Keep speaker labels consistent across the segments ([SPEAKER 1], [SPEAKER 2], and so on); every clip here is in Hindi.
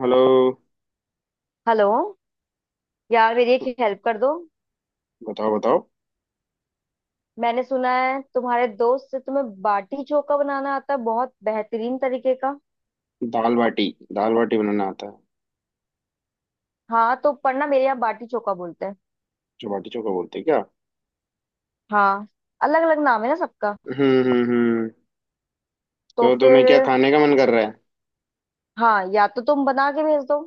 [SPEAKER 1] हेलो।
[SPEAKER 2] हेलो। यार मेरी एक हेल्प कर दो।
[SPEAKER 1] बताओ बताओ।
[SPEAKER 2] मैंने सुना है तुम्हारे दोस्त से तुम्हें बाटी चोखा बनाना आता है बहुत बेहतरीन तरीके का।
[SPEAKER 1] दाल बाटी। दाल बाटी बनाना आता है।
[SPEAKER 2] हाँ तो पर ना मेरे यहाँ बाटी चोखा बोलते हैं।
[SPEAKER 1] जो बाटी चोखा बोलते हैं क्या?
[SPEAKER 2] हाँ। अलग अलग नाम है ना सबका।
[SPEAKER 1] हम्म।
[SPEAKER 2] तो
[SPEAKER 1] तो तुम्हें क्या
[SPEAKER 2] फिर।
[SPEAKER 1] खाने का मन कर रहा है?
[SPEAKER 2] हाँ या तो तुम बना के भेज दो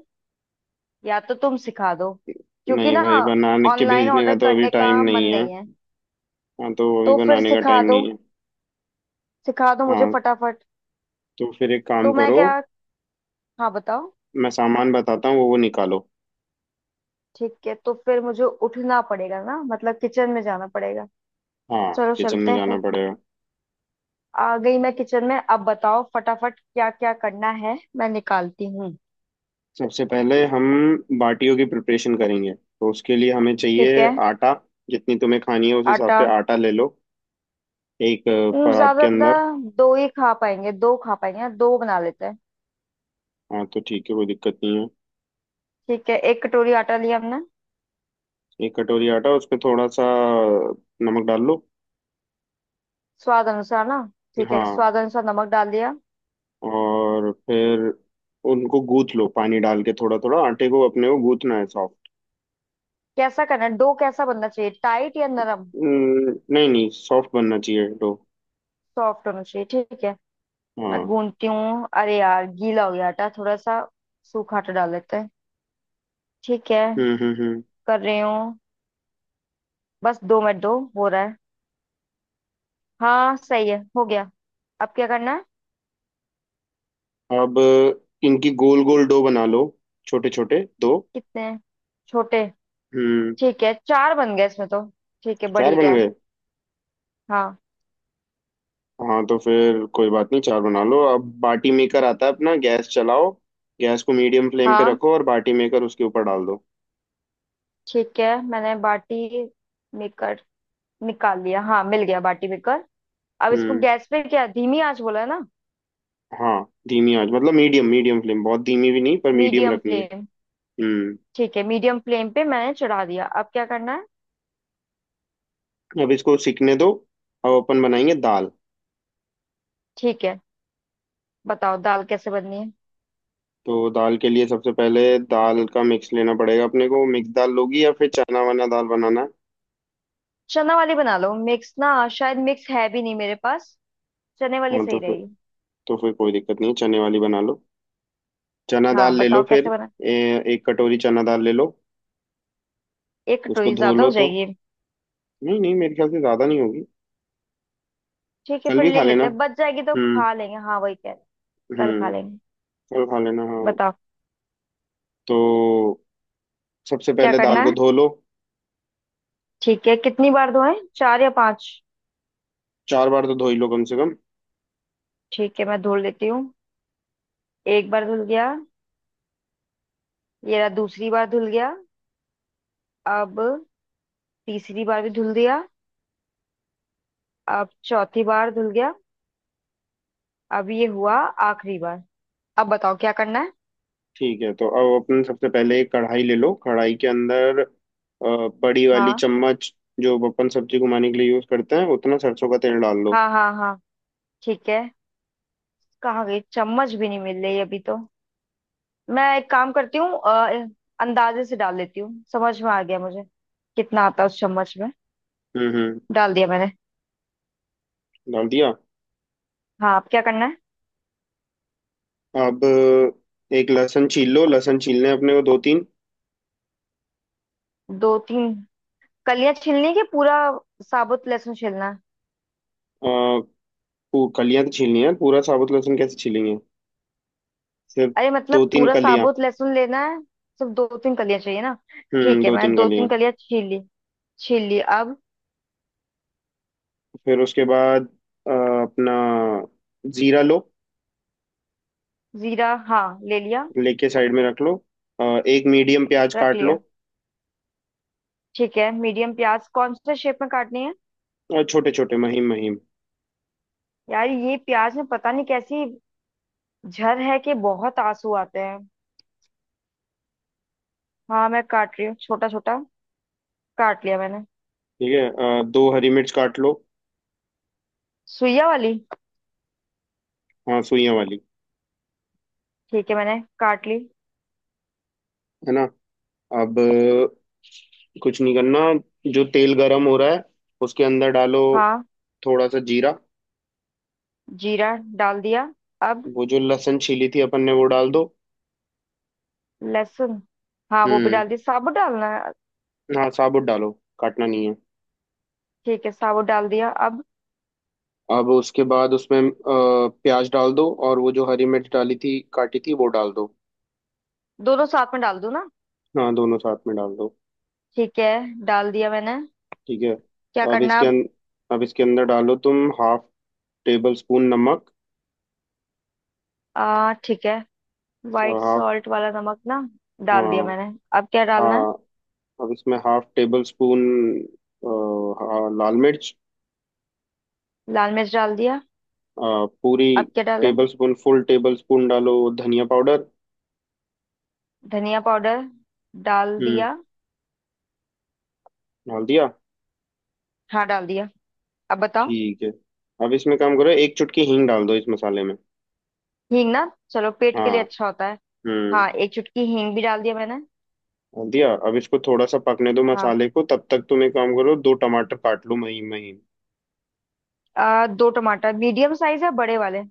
[SPEAKER 2] या तो तुम सिखा दो क्योंकि
[SPEAKER 1] नहीं
[SPEAKER 2] ना
[SPEAKER 1] भाई, बनाने के
[SPEAKER 2] ऑनलाइन
[SPEAKER 1] भेजने
[SPEAKER 2] ऑर्डर
[SPEAKER 1] का तो अभी
[SPEAKER 2] करने का
[SPEAKER 1] टाइम
[SPEAKER 2] मन
[SPEAKER 1] नहीं है।
[SPEAKER 2] नहीं है।
[SPEAKER 1] हाँ, तो अभी
[SPEAKER 2] तो फिर
[SPEAKER 1] बनाने का
[SPEAKER 2] सिखा
[SPEAKER 1] टाइम
[SPEAKER 2] दो।
[SPEAKER 1] नहीं है।
[SPEAKER 2] सिखा दो मुझे
[SPEAKER 1] हाँ,
[SPEAKER 2] फटाफट।
[SPEAKER 1] तो फिर एक काम
[SPEAKER 2] तो मैं
[SPEAKER 1] करो।
[SPEAKER 2] क्या। हाँ बताओ।
[SPEAKER 1] मैं सामान बताता हूँ, वो निकालो।
[SPEAKER 2] ठीक है तो फिर मुझे उठना पड़ेगा ना मतलब किचन में जाना पड़ेगा।
[SPEAKER 1] हाँ,
[SPEAKER 2] चलो
[SPEAKER 1] किचन
[SPEAKER 2] चलते
[SPEAKER 1] में
[SPEAKER 2] हैं
[SPEAKER 1] जाना
[SPEAKER 2] फिर।
[SPEAKER 1] पड़ेगा।
[SPEAKER 2] आ गई मैं किचन में, अब बताओ फटाफट क्या क्या करना है मैं निकालती हूँ।
[SPEAKER 1] सबसे पहले हम बाटियों की प्रिपरेशन करेंगे, तो उसके लिए हमें
[SPEAKER 2] ठीक
[SPEAKER 1] चाहिए
[SPEAKER 2] है।
[SPEAKER 1] आटा। जितनी तुम्हें खानी है उस हिसाब
[SPEAKER 2] आटा।
[SPEAKER 1] से आटा ले लो। एक परात के
[SPEAKER 2] ज्यादा
[SPEAKER 1] अंदर।
[SPEAKER 2] दो ही खा पाएंगे, दो खा पाएंगे, दो बना लेते हैं।
[SPEAKER 1] हाँ तो ठीक है, कोई दिक्कत नहीं है।
[SPEAKER 2] ठीक है एक कटोरी आटा लिया हमने।
[SPEAKER 1] एक कटोरी आटा, उस पे थोड़ा सा नमक डाल लो।
[SPEAKER 2] स्वाद अनुसार ना। ठीक है
[SPEAKER 1] हाँ।
[SPEAKER 2] स्वाद अनुसार नमक डाल दिया।
[SPEAKER 1] और फिर उनको गूथ लो, पानी डाल के थोड़ा थोड़ा। आटे को अपने को गूथना है सॉफ्ट।
[SPEAKER 2] कैसा करना है, डो कैसा बनना चाहिए, टाइट या नरम।
[SPEAKER 1] नहीं नहीं, सॉफ्ट बनना चाहिए डो।
[SPEAKER 2] सॉफ्ट होना चाहिए ठीक है।
[SPEAKER 1] हाँ।
[SPEAKER 2] मैं गूंथती हूँ। अरे यार गीला हो गया आटा थोड़ा सा। सूखा आटा डाल लेते हैं। ठीक है।
[SPEAKER 1] हम्म।
[SPEAKER 2] कर रही हूँ। बस दो मिनट, दो हो रहा है। हाँ सही है, हो गया। अब क्या करना है।
[SPEAKER 1] अब इनकी गोल गोल डो बना लो। छोटे छोटे दो।
[SPEAKER 2] कितने हैं? छोटे।
[SPEAKER 1] हम्म।
[SPEAKER 2] ठीक है चार बन गए इसमें तो। ठीक है
[SPEAKER 1] चार बन
[SPEAKER 2] बढ़िया है।
[SPEAKER 1] गए।
[SPEAKER 2] हाँ।
[SPEAKER 1] हाँ तो फिर कोई बात नहीं, चार बना लो। अब बाटी मेकर आता है अपना, गैस चलाओ। गैस को मीडियम फ्लेम पे
[SPEAKER 2] हाँ
[SPEAKER 1] रखो और बाटी मेकर उसके ऊपर डाल दो।
[SPEAKER 2] ठीक है मैंने बाटी मेकर निकाल लिया। हाँ मिल गया बाटी मेकर। अब इसको
[SPEAKER 1] हम्म।
[SPEAKER 2] गैस पे क्या धीमी आंच बोला है ना।
[SPEAKER 1] हाँ, धीमी आंच मतलब मीडियम। मीडियम फ्लेम, बहुत धीमी भी नहीं, पर मीडियम
[SPEAKER 2] मीडियम
[SPEAKER 1] रखनी है।
[SPEAKER 2] फ्लेम।
[SPEAKER 1] हम्म।
[SPEAKER 2] ठीक है मीडियम फ्लेम पे मैंने चढ़ा दिया, अब क्या करना है।
[SPEAKER 1] अब इसको सीखने दो। अब अपन बनाएंगे दाल।
[SPEAKER 2] ठीक है। बताओ दाल कैसे बननी है।
[SPEAKER 1] तो दाल के लिए सबसे पहले दाल का मिक्स लेना पड़ेगा अपने को। मिक्स दाल लोगी या फिर चना वना दाल बनाना है?
[SPEAKER 2] चना वाली बना लो, मिक्स ना शायद मिक्स है भी नहीं मेरे पास। चने वाली
[SPEAKER 1] हाँ
[SPEAKER 2] सही
[SPEAKER 1] तो फिर
[SPEAKER 2] रहेगी।
[SPEAKER 1] तो फिर कोई दिक्कत नहीं है, चने वाली बना लो। चना दाल
[SPEAKER 2] हाँ
[SPEAKER 1] ले लो
[SPEAKER 2] बताओ कैसे
[SPEAKER 1] फिर।
[SPEAKER 2] बना।
[SPEAKER 1] एक कटोरी चना दाल ले लो।
[SPEAKER 2] एक
[SPEAKER 1] उसको
[SPEAKER 2] कटोरी
[SPEAKER 1] धो
[SPEAKER 2] ज्यादा हो
[SPEAKER 1] लो तो।
[SPEAKER 2] जाएगी।
[SPEAKER 1] नहीं नहीं, मेरे ख्याल से ज़्यादा नहीं होगी।
[SPEAKER 2] ठीक है
[SPEAKER 1] कल
[SPEAKER 2] फिर
[SPEAKER 1] भी
[SPEAKER 2] ले
[SPEAKER 1] खा लेना।
[SPEAKER 2] लेते हैं, बच जाएगी तो
[SPEAKER 1] हम्म
[SPEAKER 2] खा लेंगे, हाँ वही कह रहे हैं। कल खा
[SPEAKER 1] हम्म।
[SPEAKER 2] लेंगे।
[SPEAKER 1] कल खा लेना, हाँ।
[SPEAKER 2] बताओ
[SPEAKER 1] तो सबसे
[SPEAKER 2] क्या
[SPEAKER 1] पहले दाल
[SPEAKER 2] करना
[SPEAKER 1] को
[SPEAKER 2] है।
[SPEAKER 1] धो लो।
[SPEAKER 2] ठीक है कितनी बार धोएं, चार या पांच।
[SPEAKER 1] चार बार तो धो ही लो कम से कम।
[SPEAKER 2] ठीक है मैं धुल लेती हूँ। एक बार धुल गया। ये रहा दूसरी बार धुल गया। अब तीसरी बार भी धुल दिया। अब चौथी बार धुल गया। अब ये हुआ आखिरी बार। अब बताओ क्या करना है।
[SPEAKER 1] ठीक है, तो अब अपन सबसे पहले एक कढ़ाई ले लो। कढ़ाई के अंदर बड़ी वाली
[SPEAKER 2] हाँ
[SPEAKER 1] चम्मच जो अपन सब्जी घुमाने के लिए यूज करते हैं, उतना सरसों का तेल डाल लो।
[SPEAKER 2] हाँ हाँ। हाँ ठीक है। कहाँ गई चम्मच भी नहीं मिल रही अभी तो। मैं एक काम करती हूँ, अंदाजे से डाल लेती हूँ, समझ में आ गया मुझे कितना आता है उस चम्मच में।
[SPEAKER 1] हम्म।
[SPEAKER 2] डाल दिया मैंने।
[SPEAKER 1] डाल दिया।
[SPEAKER 2] हाँ अब क्या करना है।
[SPEAKER 1] अब एक लहसुन छील लो। लहसुन छीलने हैं अपने को दो तीन।
[SPEAKER 2] दो तीन कलियां छीलनी है कि पूरा साबुत लहसुन छीलना है।
[SPEAKER 1] अ, कलियां तो छीलनी है, पूरा साबुत लहसुन कैसे छीलेंगे। सिर्फ
[SPEAKER 2] अरे
[SPEAKER 1] दो
[SPEAKER 2] मतलब
[SPEAKER 1] तीन
[SPEAKER 2] पूरा
[SPEAKER 1] कलियां।
[SPEAKER 2] साबुत लहसुन लेना है। सिर्फ दो तीन कलियां चाहिए ना।
[SPEAKER 1] हम्म,
[SPEAKER 2] ठीक है
[SPEAKER 1] दो
[SPEAKER 2] मैं
[SPEAKER 1] तीन
[SPEAKER 2] दो तीन
[SPEAKER 1] कलियां।
[SPEAKER 2] कलियां छील ली। छील ली अब।
[SPEAKER 1] फिर उसके बाद अपना जीरा लो।
[SPEAKER 2] जीरा हाँ ले लिया।
[SPEAKER 1] लेके साइड में रख लो। एक मीडियम प्याज
[SPEAKER 2] रख
[SPEAKER 1] काट
[SPEAKER 2] लिया।
[SPEAKER 1] लो।
[SPEAKER 2] ठीक है मीडियम प्याज कौन से शेप में काटनी है।
[SPEAKER 1] और छोटे छोटे महीन महीन।
[SPEAKER 2] यार ये प्याज में पता नहीं कैसी झर है कि बहुत आंसू आते हैं। हाँ मैं काट रही हूँ छोटा छोटा। काट लिया मैंने।
[SPEAKER 1] ठीक है, दो हरी मिर्च काट लो।
[SPEAKER 2] सुइया वाली।
[SPEAKER 1] हाँ, सुइयां वाली।
[SPEAKER 2] ठीक है मैंने काट ली।
[SPEAKER 1] है ना। अब कुछ नहीं करना, जो तेल गरम हो रहा है उसके अंदर डालो।
[SPEAKER 2] हाँ।
[SPEAKER 1] थोड़ा सा जीरा।
[SPEAKER 2] जीरा डाल दिया। अब
[SPEAKER 1] वो जो लहसुन छीली थी अपन ने, वो डाल दो।
[SPEAKER 2] लहसुन। हाँ वो भी
[SPEAKER 1] हम्म।
[SPEAKER 2] डाल दिया, साबुत डालना है।
[SPEAKER 1] हाँ साबुत डालो, काटना नहीं है।
[SPEAKER 2] ठीक है साबुत डाल दिया अब।
[SPEAKER 1] अब उसके बाद उसमें प्याज डाल दो, और वो जो हरी मिर्च डाली थी, काटी थी, वो डाल दो।
[SPEAKER 2] दोनों साथ में डाल दूं ना।
[SPEAKER 1] हाँ, दोनों साथ में डाल दो।
[SPEAKER 2] ठीक है डाल दिया मैंने।
[SPEAKER 1] ठीक है।
[SPEAKER 2] क्या
[SPEAKER 1] अब
[SPEAKER 2] करना है
[SPEAKER 1] इसके
[SPEAKER 2] अब।
[SPEAKER 1] अं, अब इसके अंदर डालो तुम हाफ टेबल स्पून नमक।
[SPEAKER 2] आ ठीक है, वाइट
[SPEAKER 1] हाफ।
[SPEAKER 2] सॉल्ट वाला नमक ना। डाल
[SPEAKER 1] हाँ।
[SPEAKER 2] दिया मैंने। अब क्या डालना है।
[SPEAKER 1] हाँ, अब इसमें हाफ टेबल स्पून लाल मिर्च।
[SPEAKER 2] लाल मिर्च डाल दिया।
[SPEAKER 1] अ, पूरी
[SPEAKER 2] अब क्या डाला है?
[SPEAKER 1] Tablespoon full tablespoon डालो, धनिया पाउडर।
[SPEAKER 2] धनिया पाउडर डाल
[SPEAKER 1] हम्म,
[SPEAKER 2] दिया।
[SPEAKER 1] डाल दिया।
[SPEAKER 2] हाँ डाल दिया। अब बताओ।
[SPEAKER 1] ठीक है, अब इसमें काम करो, एक चुटकी हींग डाल दो इस मसाले में।
[SPEAKER 2] हींग ना, चलो पेट के
[SPEAKER 1] हाँ।
[SPEAKER 2] लिए अच्छा होता है।
[SPEAKER 1] हम्म,
[SPEAKER 2] हाँ एक चुटकी हींग भी डाल दिया मैंने।
[SPEAKER 1] डाल दिया। अब इसको थोड़ा सा पकने दो,
[SPEAKER 2] हाँ।
[SPEAKER 1] मसाले को। तब तक तुम एक काम करो, दो टमाटर काट लो महीन महीन।
[SPEAKER 2] दो टमाटर मीडियम साइज है बड़े वाले।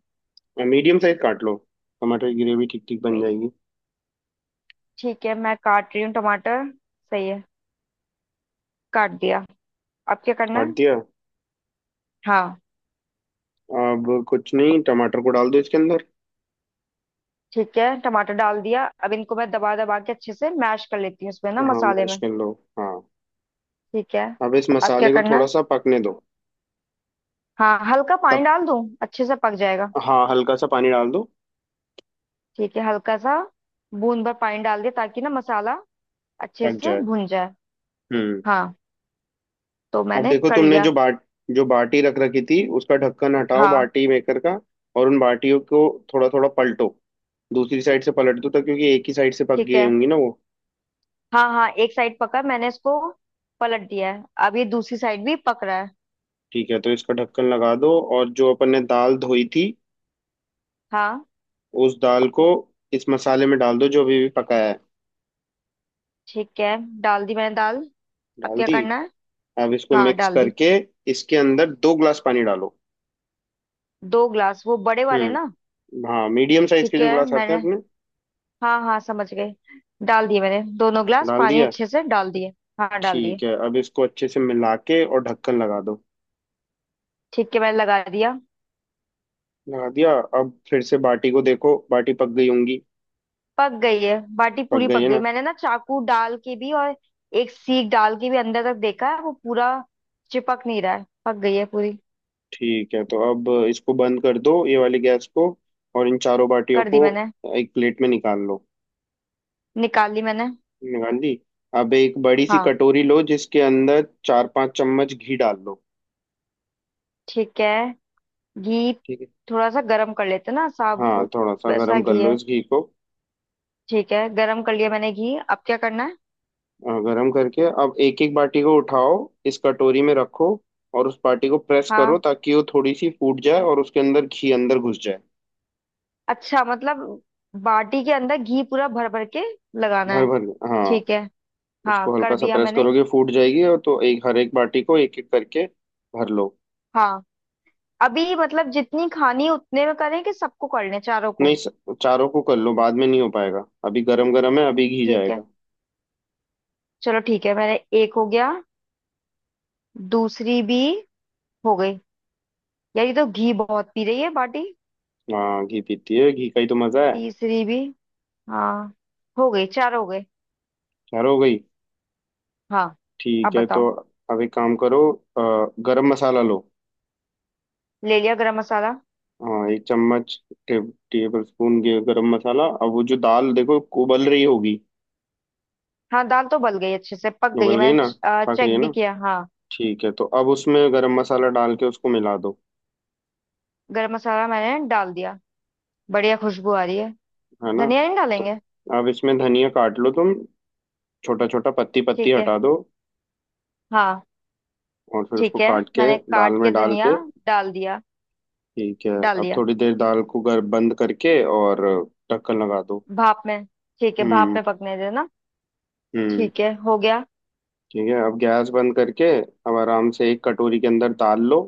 [SPEAKER 1] मीडियम साइज काट लो, टमाटर की ग्रेवी ठीक ठीक बन जाएगी।
[SPEAKER 2] ठीक है मैं काट रही हूँ टमाटर। सही है। काट दिया। अब क्या करना
[SPEAKER 1] काट
[SPEAKER 2] है।
[SPEAKER 1] दिया।
[SPEAKER 2] हाँ।
[SPEAKER 1] अब कुछ नहीं, टमाटर को डाल दो इसके अंदर।
[SPEAKER 2] ठीक है टमाटर डाल दिया, अब इनको मैं दबा दबा के अच्छे से मैश कर लेती हूँ इसमें ना
[SPEAKER 1] हाँ,
[SPEAKER 2] मसाले
[SPEAKER 1] मैश
[SPEAKER 2] में।
[SPEAKER 1] कर लो। हाँ।
[SPEAKER 2] ठीक है।
[SPEAKER 1] अब इस
[SPEAKER 2] अब क्या
[SPEAKER 1] मसाले को
[SPEAKER 2] करना
[SPEAKER 1] थोड़ा
[SPEAKER 2] है।
[SPEAKER 1] सा पकने दो।
[SPEAKER 2] हाँ हल्का पानी
[SPEAKER 1] तब
[SPEAKER 2] डाल दूँ अच्छे से पक जाएगा।
[SPEAKER 1] हाँ, हल्का सा पानी डाल दो।
[SPEAKER 2] ठीक है हल्का सा, बूंद भर पानी डाल दिया ताकि ना मसाला अच्छे
[SPEAKER 1] पक
[SPEAKER 2] से
[SPEAKER 1] जाए।
[SPEAKER 2] भुन जाए।
[SPEAKER 1] हम्म।
[SPEAKER 2] हाँ तो
[SPEAKER 1] अब
[SPEAKER 2] मैंने
[SPEAKER 1] देखो,
[SPEAKER 2] कर
[SPEAKER 1] तुमने जो
[SPEAKER 2] लिया।
[SPEAKER 1] बाट जो बाटी रख रखी थी, उसका ढक्कन हटाओ
[SPEAKER 2] हाँ।
[SPEAKER 1] बाटी मेकर का। और उन बाटियों को थोड़ा थोड़ा पलटो, दूसरी साइड से पलट दो। तो क्योंकि एक ही साइड से पक
[SPEAKER 2] ठीक
[SPEAKER 1] गई
[SPEAKER 2] है।
[SPEAKER 1] होंगी ना वो।
[SPEAKER 2] हाँ हाँ एक साइड पका मैंने इसको, पलट दिया है अब ये दूसरी साइड भी पक रहा है।
[SPEAKER 1] ठीक है, तो इसका ढक्कन लगा दो। और जो अपन ने दाल धोई थी,
[SPEAKER 2] हाँ।
[SPEAKER 1] उस दाल को इस मसाले में डाल दो जो अभी भी पकाया है।
[SPEAKER 2] ठीक है डाल दी मैंने दाल। अब
[SPEAKER 1] डाल
[SPEAKER 2] क्या
[SPEAKER 1] दी।
[SPEAKER 2] करना है।
[SPEAKER 1] अब इसको
[SPEAKER 2] हाँ
[SPEAKER 1] मिक्स
[SPEAKER 2] डाल दी।
[SPEAKER 1] करके इसके अंदर दो ग्लास पानी डालो।
[SPEAKER 2] दो ग्लास वो बड़े वाले ना।
[SPEAKER 1] हम्म। हाँ, मीडियम साइज के
[SPEAKER 2] ठीक
[SPEAKER 1] जो
[SPEAKER 2] है
[SPEAKER 1] ग्लास आते हैं
[SPEAKER 2] मैंने,
[SPEAKER 1] अपने।
[SPEAKER 2] हाँ हाँ समझ गए। डाल दिए मैंने दोनों ग्लास
[SPEAKER 1] डाल
[SPEAKER 2] पानी,
[SPEAKER 1] दिया।
[SPEAKER 2] अच्छे से डाल दिए। हाँ डाल दिए।
[SPEAKER 1] ठीक है, अब इसको अच्छे से मिला के और ढक्कन लगा दो।
[SPEAKER 2] ठीक है मैंने लगा दिया।
[SPEAKER 1] लगा दिया। अब फिर से बाटी को देखो, बाटी पक गई होंगी।
[SPEAKER 2] पक गई है बाटी,
[SPEAKER 1] पक
[SPEAKER 2] पूरी
[SPEAKER 1] गई
[SPEAKER 2] पक
[SPEAKER 1] है
[SPEAKER 2] गई।
[SPEAKER 1] ना।
[SPEAKER 2] मैंने ना चाकू डाल के भी और एक सीख डाल के भी अंदर तक देखा है, वो पूरा चिपक नहीं रहा है, पक गई है पूरी।
[SPEAKER 1] ठीक है, तो अब इसको बंद कर दो, ये वाली गैस को। और इन चारों बाटियों
[SPEAKER 2] कर दी
[SPEAKER 1] को
[SPEAKER 2] मैंने।
[SPEAKER 1] एक प्लेट में निकाल लो।
[SPEAKER 2] निकाल ली मैंने।
[SPEAKER 1] निकाल ली। अब एक बड़ी सी
[SPEAKER 2] हाँ
[SPEAKER 1] कटोरी लो, जिसके अंदर चार पांच चम्मच घी डाल लो।
[SPEAKER 2] ठीक है। घी
[SPEAKER 1] ठीक है।
[SPEAKER 2] थोड़ा सा गरम कर लेते हैं ना,
[SPEAKER 1] हाँ,
[SPEAKER 2] साबुत
[SPEAKER 1] थोड़ा सा
[SPEAKER 2] वैसा
[SPEAKER 1] गर्म कर
[SPEAKER 2] घी
[SPEAKER 1] लो
[SPEAKER 2] है।
[SPEAKER 1] इस घी को।
[SPEAKER 2] ठीक है गरम कर लिया मैंने घी, अब क्या करना है।
[SPEAKER 1] हाँ, गरम करके अब एक एक बाटी को उठाओ, इस कटोरी में रखो, और उस बाटी को प्रेस करो
[SPEAKER 2] हाँ
[SPEAKER 1] ताकि वो थोड़ी सी फूट जाए और उसके अंदर घी अंदर घुस जाए।
[SPEAKER 2] अच्छा मतलब बाटी के अंदर घी पूरा भर भर के लगाना
[SPEAKER 1] भर
[SPEAKER 2] है।
[SPEAKER 1] भर के। हाँ।
[SPEAKER 2] ठीक है। हाँ
[SPEAKER 1] उसको
[SPEAKER 2] कर
[SPEAKER 1] हल्का सा
[SPEAKER 2] दिया
[SPEAKER 1] प्रेस
[SPEAKER 2] मैंने।
[SPEAKER 1] करोगे, फूट जाएगी। और तो एक, हर एक बाटी को एक एक करके भर लो।
[SPEAKER 2] हाँ अभी मतलब जितनी खानी उतने में करें कि सबको कर लें चारों
[SPEAKER 1] नहीं,
[SPEAKER 2] को।
[SPEAKER 1] चारों को कर लो, बाद में नहीं हो पाएगा, अभी गरम गरम है, अभी घी
[SPEAKER 2] ठीक है
[SPEAKER 1] जाएगा।
[SPEAKER 2] चलो ठीक है मैंने। एक हो गया। दूसरी भी हो गई। यार ये तो घी बहुत पी रही है बाटी।
[SPEAKER 1] हाँ, घी पीती है, घी का ही तो मजा है।
[SPEAKER 2] तीसरी भी। हाँ हो गई, चार हो गए।
[SPEAKER 1] चार हो गई।
[SPEAKER 2] हाँ। अब
[SPEAKER 1] ठीक है,
[SPEAKER 2] बताओ।
[SPEAKER 1] तो अब एक काम करो, गरम मसाला लो।
[SPEAKER 2] ले लिया गरम मसाला।
[SPEAKER 1] हाँ, एक चम्मच टे, टेबल स्पून गरम मसाला। अब वो जो दाल देखो, उबल रही होगी।
[SPEAKER 2] हाँ दाल तो गल गई अच्छे से, पक गई है
[SPEAKER 1] उबल गई ना,
[SPEAKER 2] मैंने
[SPEAKER 1] पक रही है
[SPEAKER 2] चेक भी
[SPEAKER 1] ना।
[SPEAKER 2] किया। हाँ
[SPEAKER 1] ठीक है, तो अब उसमें गरम मसाला डाल के उसको मिला दो।
[SPEAKER 2] गरम मसाला मैंने डाल दिया। बढ़िया खुशबू आ रही है।
[SPEAKER 1] है ना।
[SPEAKER 2] धनिया नहीं
[SPEAKER 1] तो
[SPEAKER 2] डालेंगे।
[SPEAKER 1] अब इसमें धनिया काट लो तुम, छोटा छोटा। पत्ती पत्ती
[SPEAKER 2] ठीक है।
[SPEAKER 1] हटा दो।
[SPEAKER 2] हाँ
[SPEAKER 1] और फिर
[SPEAKER 2] ठीक
[SPEAKER 1] उसको
[SPEAKER 2] है
[SPEAKER 1] काट के
[SPEAKER 2] मैंने
[SPEAKER 1] दाल
[SPEAKER 2] काट
[SPEAKER 1] में
[SPEAKER 2] के
[SPEAKER 1] डाल
[SPEAKER 2] धनिया
[SPEAKER 1] के।
[SPEAKER 2] डाल दिया।
[SPEAKER 1] ठीक है।
[SPEAKER 2] डाल
[SPEAKER 1] अब
[SPEAKER 2] दिया।
[SPEAKER 1] थोड़ी देर दाल को गर बंद करके और ढक्कन लगा दो।
[SPEAKER 2] भाप में, ठीक है भाप
[SPEAKER 1] हम्म
[SPEAKER 2] में पकने देना।
[SPEAKER 1] हम्म।
[SPEAKER 2] ठीक है हो गया।
[SPEAKER 1] ठीक है, अब गैस बंद करके अब आराम से एक कटोरी के अंदर दाल लो।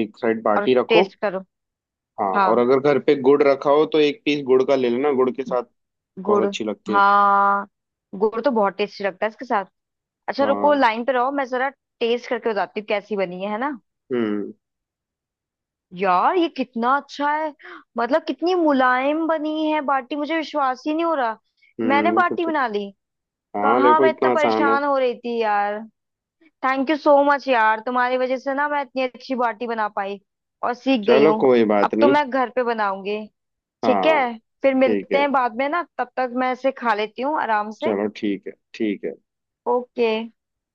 [SPEAKER 1] एक साइड
[SPEAKER 2] और
[SPEAKER 1] बाटी रखो।
[SPEAKER 2] टेस्ट करो।
[SPEAKER 1] हाँ, और
[SPEAKER 2] हाँ
[SPEAKER 1] अगर घर पे गुड़ रखा हो तो एक पीस गुड़ का ले लेना। गुड़ के साथ
[SPEAKER 2] गुड़।
[SPEAKER 1] बहुत अच्छी लगती है।
[SPEAKER 2] हाँ गुड़ तो बहुत टेस्टी लगता है इसके साथ। अच्छा रुको
[SPEAKER 1] हाँ।
[SPEAKER 2] लाइन पे रहो मैं जरा टेस्ट करके बताती हूँ कैसी बनी है ना।
[SPEAKER 1] हम्म
[SPEAKER 2] यार ये कितना अच्छा है, मतलब कितनी मुलायम बनी है बाटी, मुझे विश्वास ही नहीं हो रहा। मैंने
[SPEAKER 1] हम्म।
[SPEAKER 2] बाटी बना ली।
[SPEAKER 1] हाँ
[SPEAKER 2] कहाँ
[SPEAKER 1] देखो,
[SPEAKER 2] मैं इतना
[SPEAKER 1] इतना आसान है।
[SPEAKER 2] परेशान हो रही थी यार। थैंक यू सो मच यार, तुम्हारी वजह से ना मैं इतनी अच्छी बाटी बना पाई और सीख गई
[SPEAKER 1] चलो,
[SPEAKER 2] हूँ।
[SPEAKER 1] कोई
[SPEAKER 2] अब
[SPEAKER 1] बात
[SPEAKER 2] तो
[SPEAKER 1] नहीं।
[SPEAKER 2] मैं घर पे बनाऊंगी। ठीक
[SPEAKER 1] हाँ
[SPEAKER 2] है फिर
[SPEAKER 1] ठीक
[SPEAKER 2] मिलते
[SPEAKER 1] है।
[SPEAKER 2] हैं बाद में, ना तब तक मैं इसे खा लेती हूँ आराम से।
[SPEAKER 1] चलो ठीक है, ठीक है।
[SPEAKER 2] ओके।